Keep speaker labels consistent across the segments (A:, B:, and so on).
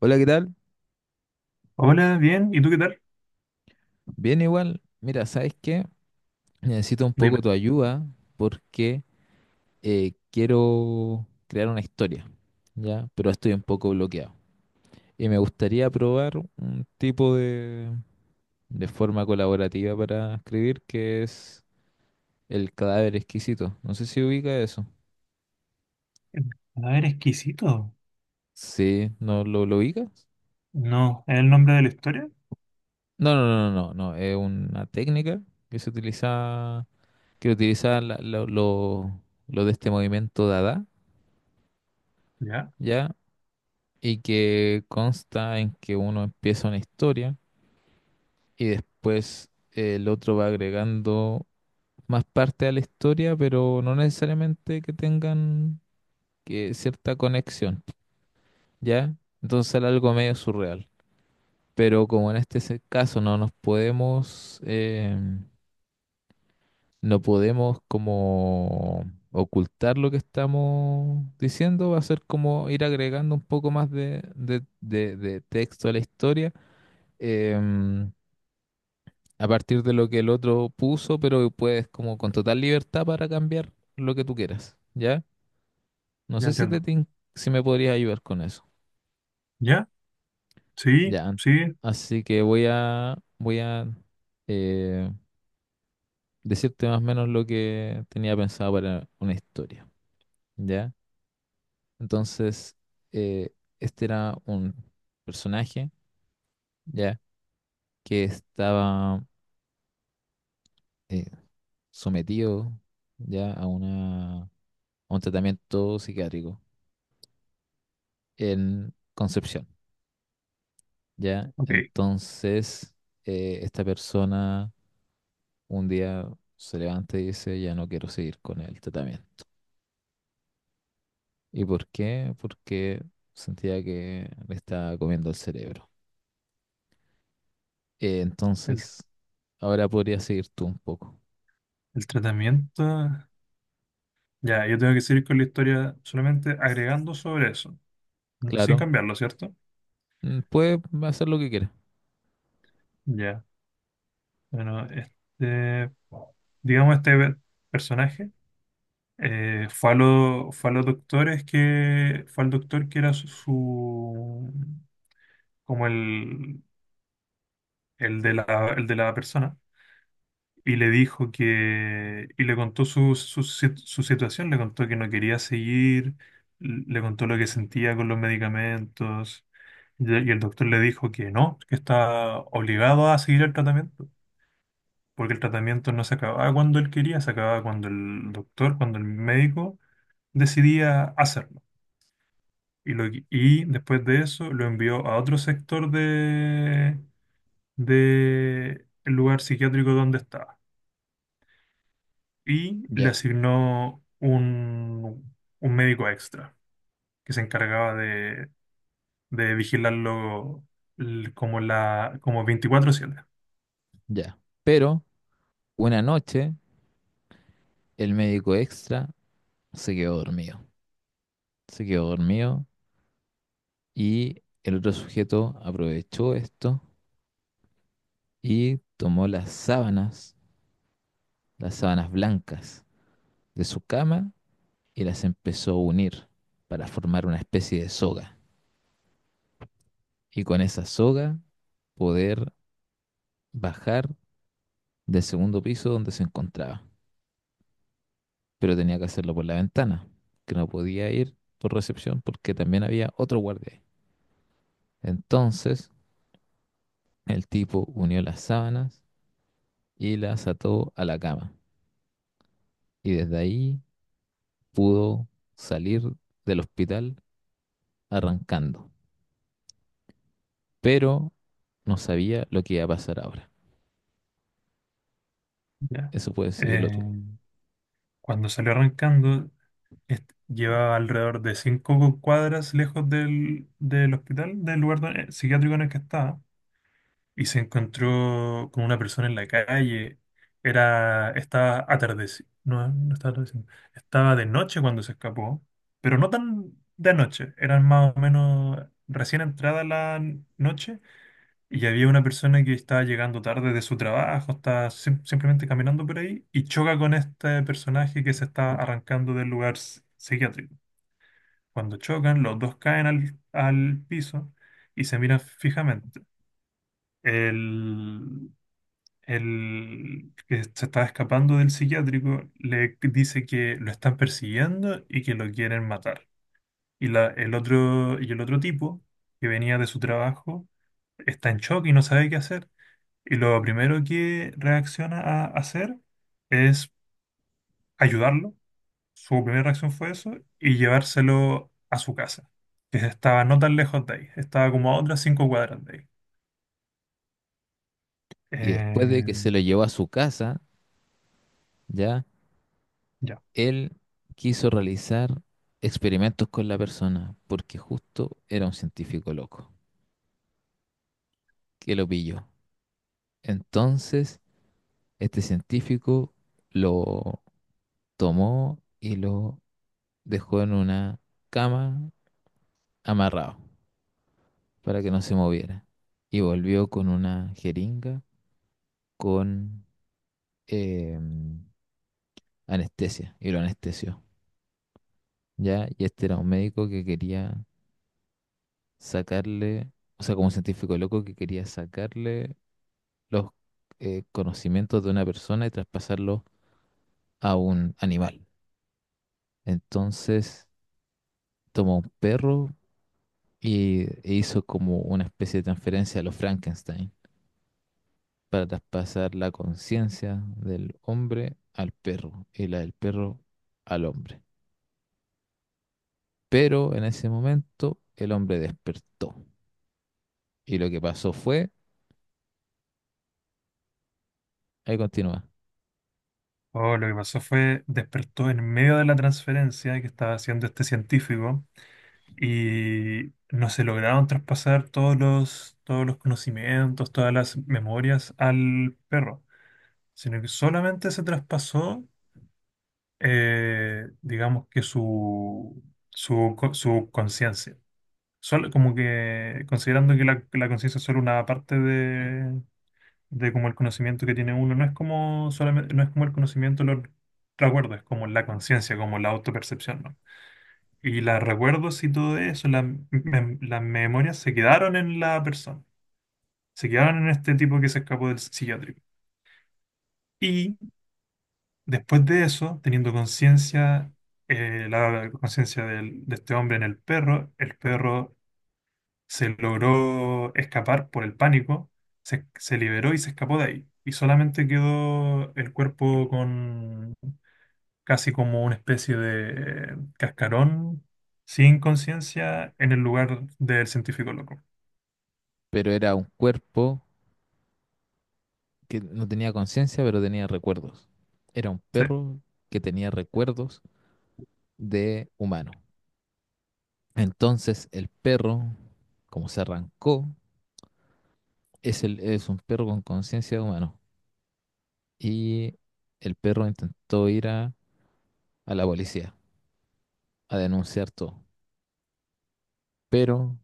A: Hola, ¿qué tal?
B: Hola, bien. ¿Y tú qué tal?
A: Bien igual. Mira, ¿sabes qué? Necesito un poco
B: Dime.
A: tu ayuda porque quiero crear una historia, ¿ya? Pero estoy un poco bloqueado. Y me gustaría probar un tipo de forma colaborativa para escribir que es el cadáver exquisito. No sé si ubica eso.
B: A ver, exquisito.
A: Sí, ¿no lo ubicas?
B: No, ¿es el nombre de la historia?
A: No, no, no, no, no. No. Es una técnica que se utiliza, que utiliza lo de este movimiento Dada,
B: Ya,
A: ¿ya? Y que consta en que uno empieza una historia y después el otro va agregando más parte a la historia, pero no necesariamente que tengan que cierta conexión, ¿ya? Entonces era algo medio surreal. Pero como en caso no nos podemos, no podemos como ocultar lo que estamos diciendo, va a ser como ir agregando un poco más de, de texto a la historia. em, a partir de lo que el otro puso, pero puedes como con total libertad para cambiar lo que tú quieras, ¿ya? No
B: ya
A: sé si te,
B: entiendo.
A: tin- Si me podrías ayudar con eso.
B: ¿Ya? Sí,
A: Ya.
B: sí,
A: Así que voy a eh, decirte más o menos lo que tenía pensado para una historia, ¿ya? Entonces, eh, este era un personaje, ¿ya? Que estaba eh, sometido, ¿ya? A una, a un tratamiento psiquiátrico en Concepción, ¿ya?
B: ok.
A: Entonces, esta persona un día se levanta y dice, ya no quiero seguir con el tratamiento. ¿Y por qué? Porque sentía que me estaba comiendo el cerebro.
B: El,
A: Entonces, ahora podría seguir tú un poco.
B: el tratamiento. Ya, yo tengo que seguir con la historia solamente agregando sobre eso, mm, sin
A: Claro,
B: cambiarlo, ¿cierto?
A: mm, puede hacer lo que quiera.
B: Ya. Bueno, este, digamos, personaje fue a los doctores que, fue al doctor que era como el de la persona. Y le dijo que, y le contó su, su, si- su situación, le contó que no quería seguir, le contó lo que sentía con los medicamentos, y el doctor le dijo que no, que está obligado a seguir el tratamiento, porque el tratamiento no se acababa cuando él quería, se acababa cuando el doctor, cuando el médico decidía hacerlo. Y después de eso lo envió a otro sector de el lugar psiquiátrico donde estaba. Y le
A: Ya,
B: asignó un médico extra que se encargaba de vigilarlo como 24/7.
A: ya. Pero una noche, el médico extra se quedó dormido. Se quedó dormido y el otro sujeto aprovechó esto y tomó las sábanas blancas de su cama y las empezó a unir para formar una especie de soga. Y con esa soga poder bajar del segundo piso donde se encontraba. Pero tenía que hacerlo por la ventana, que no podía ir por recepción porque también había otro guardia ahí. Entonces el tipo unió las sábanas y las ató a la cama. Y desde ahí pudo salir del hospital arrancando. Pero no sabía lo que iba a pasar ahora.
B: ¿Ya?
A: Eso puedes seguirlo tú.
B: Eh, cuando salió arrancando, llevaba alrededor de 5 cuadras lejos del, del hospital, del lugar psiquiátrico en el que estaba, y se encontró con una persona en la calle. Era, estaba atardecido, no, no estaba atardeciendo. Estaba de noche cuando se escapó, pero no tan de noche, eran más o menos recién entrada la noche y había una persona que estaba llegando tarde de su trabajo, estaba simplemente caminando por ahí y choca con este personaje que se está arrancando del lugar psiquiátrico. Cuando chocan, los dos caen al, al piso y se miran fijamente. El, el que se está escapando del psiquiátrico le dice que lo están persiguiendo y que lo quieren matar. Y el otro tipo, que venía de su trabajo, está en shock y no sabe qué hacer. Y lo primero que reacciona a hacer es ayudarlo. Su primera reacción fue eso y llevárselo a su casa, que estaba no tan lejos de ahí, estaba como a otras 5 cuadras de ahí.
A: Y después de
B: Eh,
A: que se lo llevó a su casa, ya,
B: ya.
A: él quiso realizar experimentos con la persona, porque justo era un científico loco, que lo pilló. Entonces, este científico lo tomó y lo dejó en una cama amarrado para que no se moviera. Y volvió con una jeringa con... em, anestesia y lo anestesió, ¿ya? Y este era un médico que quería sacarle, o sea, como un científico loco que quería sacarle los conocimientos de una persona y traspasarlos a un animal. Entonces tomó un perro y e hizo como una especie de transferencia a los Frankenstein para traspasar la conciencia del hombre al perro y la del perro al hombre. Pero en ese momento el hombre despertó y lo que pasó fue... Ahí continúa.
B: Oh, lo que pasó fue, despertó en medio de la transferencia que estaba haciendo este científico y no se lograron traspasar todos los conocimientos, todas las memorias al perro, sino que solamente se traspasó, digamos que su conciencia. Solo, como que considerando que la conciencia es solo una parte de como el conocimiento que tiene uno, no es como solamente, no es como el conocimiento de los recuerdos, es como la conciencia, como la autopercepción, ¿no? Y los recuerdos y todo eso, las memorias se quedaron en la persona, se quedaron en este tipo que se escapó del psiquiátrico. Y después de eso, teniendo conciencia, la conciencia de este hombre en el perro se logró escapar por el pánico, se liberó y se escapó de ahí. Y solamente quedó el cuerpo con casi como una especie de cascarón sin conciencia en el lugar del científico loco.
A: Pero era un cuerpo que no tenía conciencia, pero tenía recuerdos. Era un
B: Sí.
A: perro que tenía recuerdos de humano. Entonces el perro, como se arrancó, es, el, es un perro con conciencia de humano. Y el perro intentó ir a la policía a denunciar todo. Pero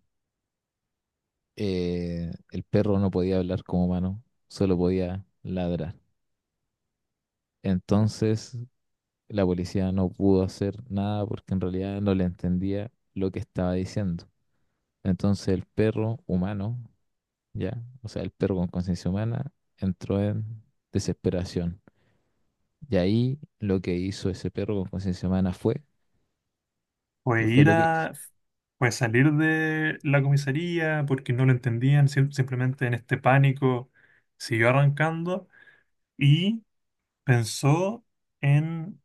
A: el perro no podía hablar como humano, solo podía ladrar. Entonces la policía no pudo hacer nada porque en realidad no le entendía lo que estaba diciendo. Entonces el perro humano, ya, o sea, el perro con conciencia humana, entró en desesperación. Y ahí lo que hizo ese perro con conciencia humana fue,
B: Fue
A: ¿qué fue
B: ir
A: lo que hizo?
B: a... Fue salir de la comisaría porque no lo entendían, simplemente en este pánico siguió arrancando y pensó en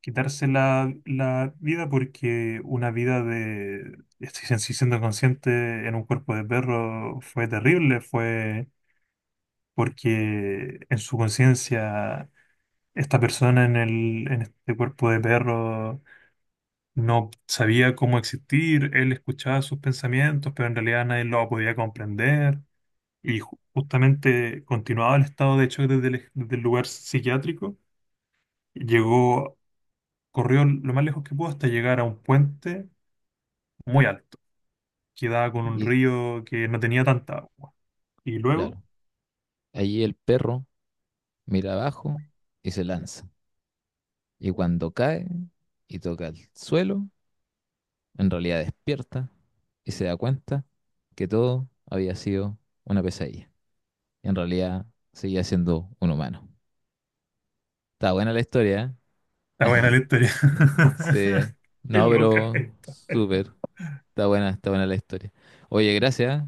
B: quitarse la, la vida porque una vida de, estoy sin siendo consciente, en un cuerpo de perro fue terrible, fue porque en su conciencia esta persona en el, en este cuerpo de perro no sabía cómo existir, él escuchaba sus pensamientos, pero en realidad nadie lo podía comprender y justamente continuaba el estado de hecho desde desde el lugar psiquiátrico, llegó corrió lo más lejos que pudo hasta llegar a un puente muy alto, que daba con un
A: Y
B: río que no tenía tanta agua. Y luego,
A: claro, allí el perro mira abajo y se lanza. Y cuando cae y toca el suelo, en realidad despierta y se da cuenta que todo había sido una pesadilla. En realidad seguía siendo un humano. Está buena la historia,
B: está buena la historia.
A: ¿eh? Sí.
B: Qué
A: No,
B: loca.
A: pero
B: Eh.
A: súper. Está buena la historia. Oye, gracias.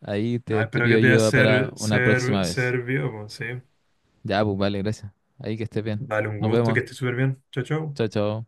A: Ahí
B: No,
A: te
B: espero que
A: pido
B: te haya
A: ayuda para una próxima vez.
B: servido, pues, sí.
A: Ya, pues vale, gracias. Ahí que estés bien.
B: Dale un
A: Nos
B: gusto, que
A: vemos.
B: estés súper bien. Chao, chao.
A: Chao, chao.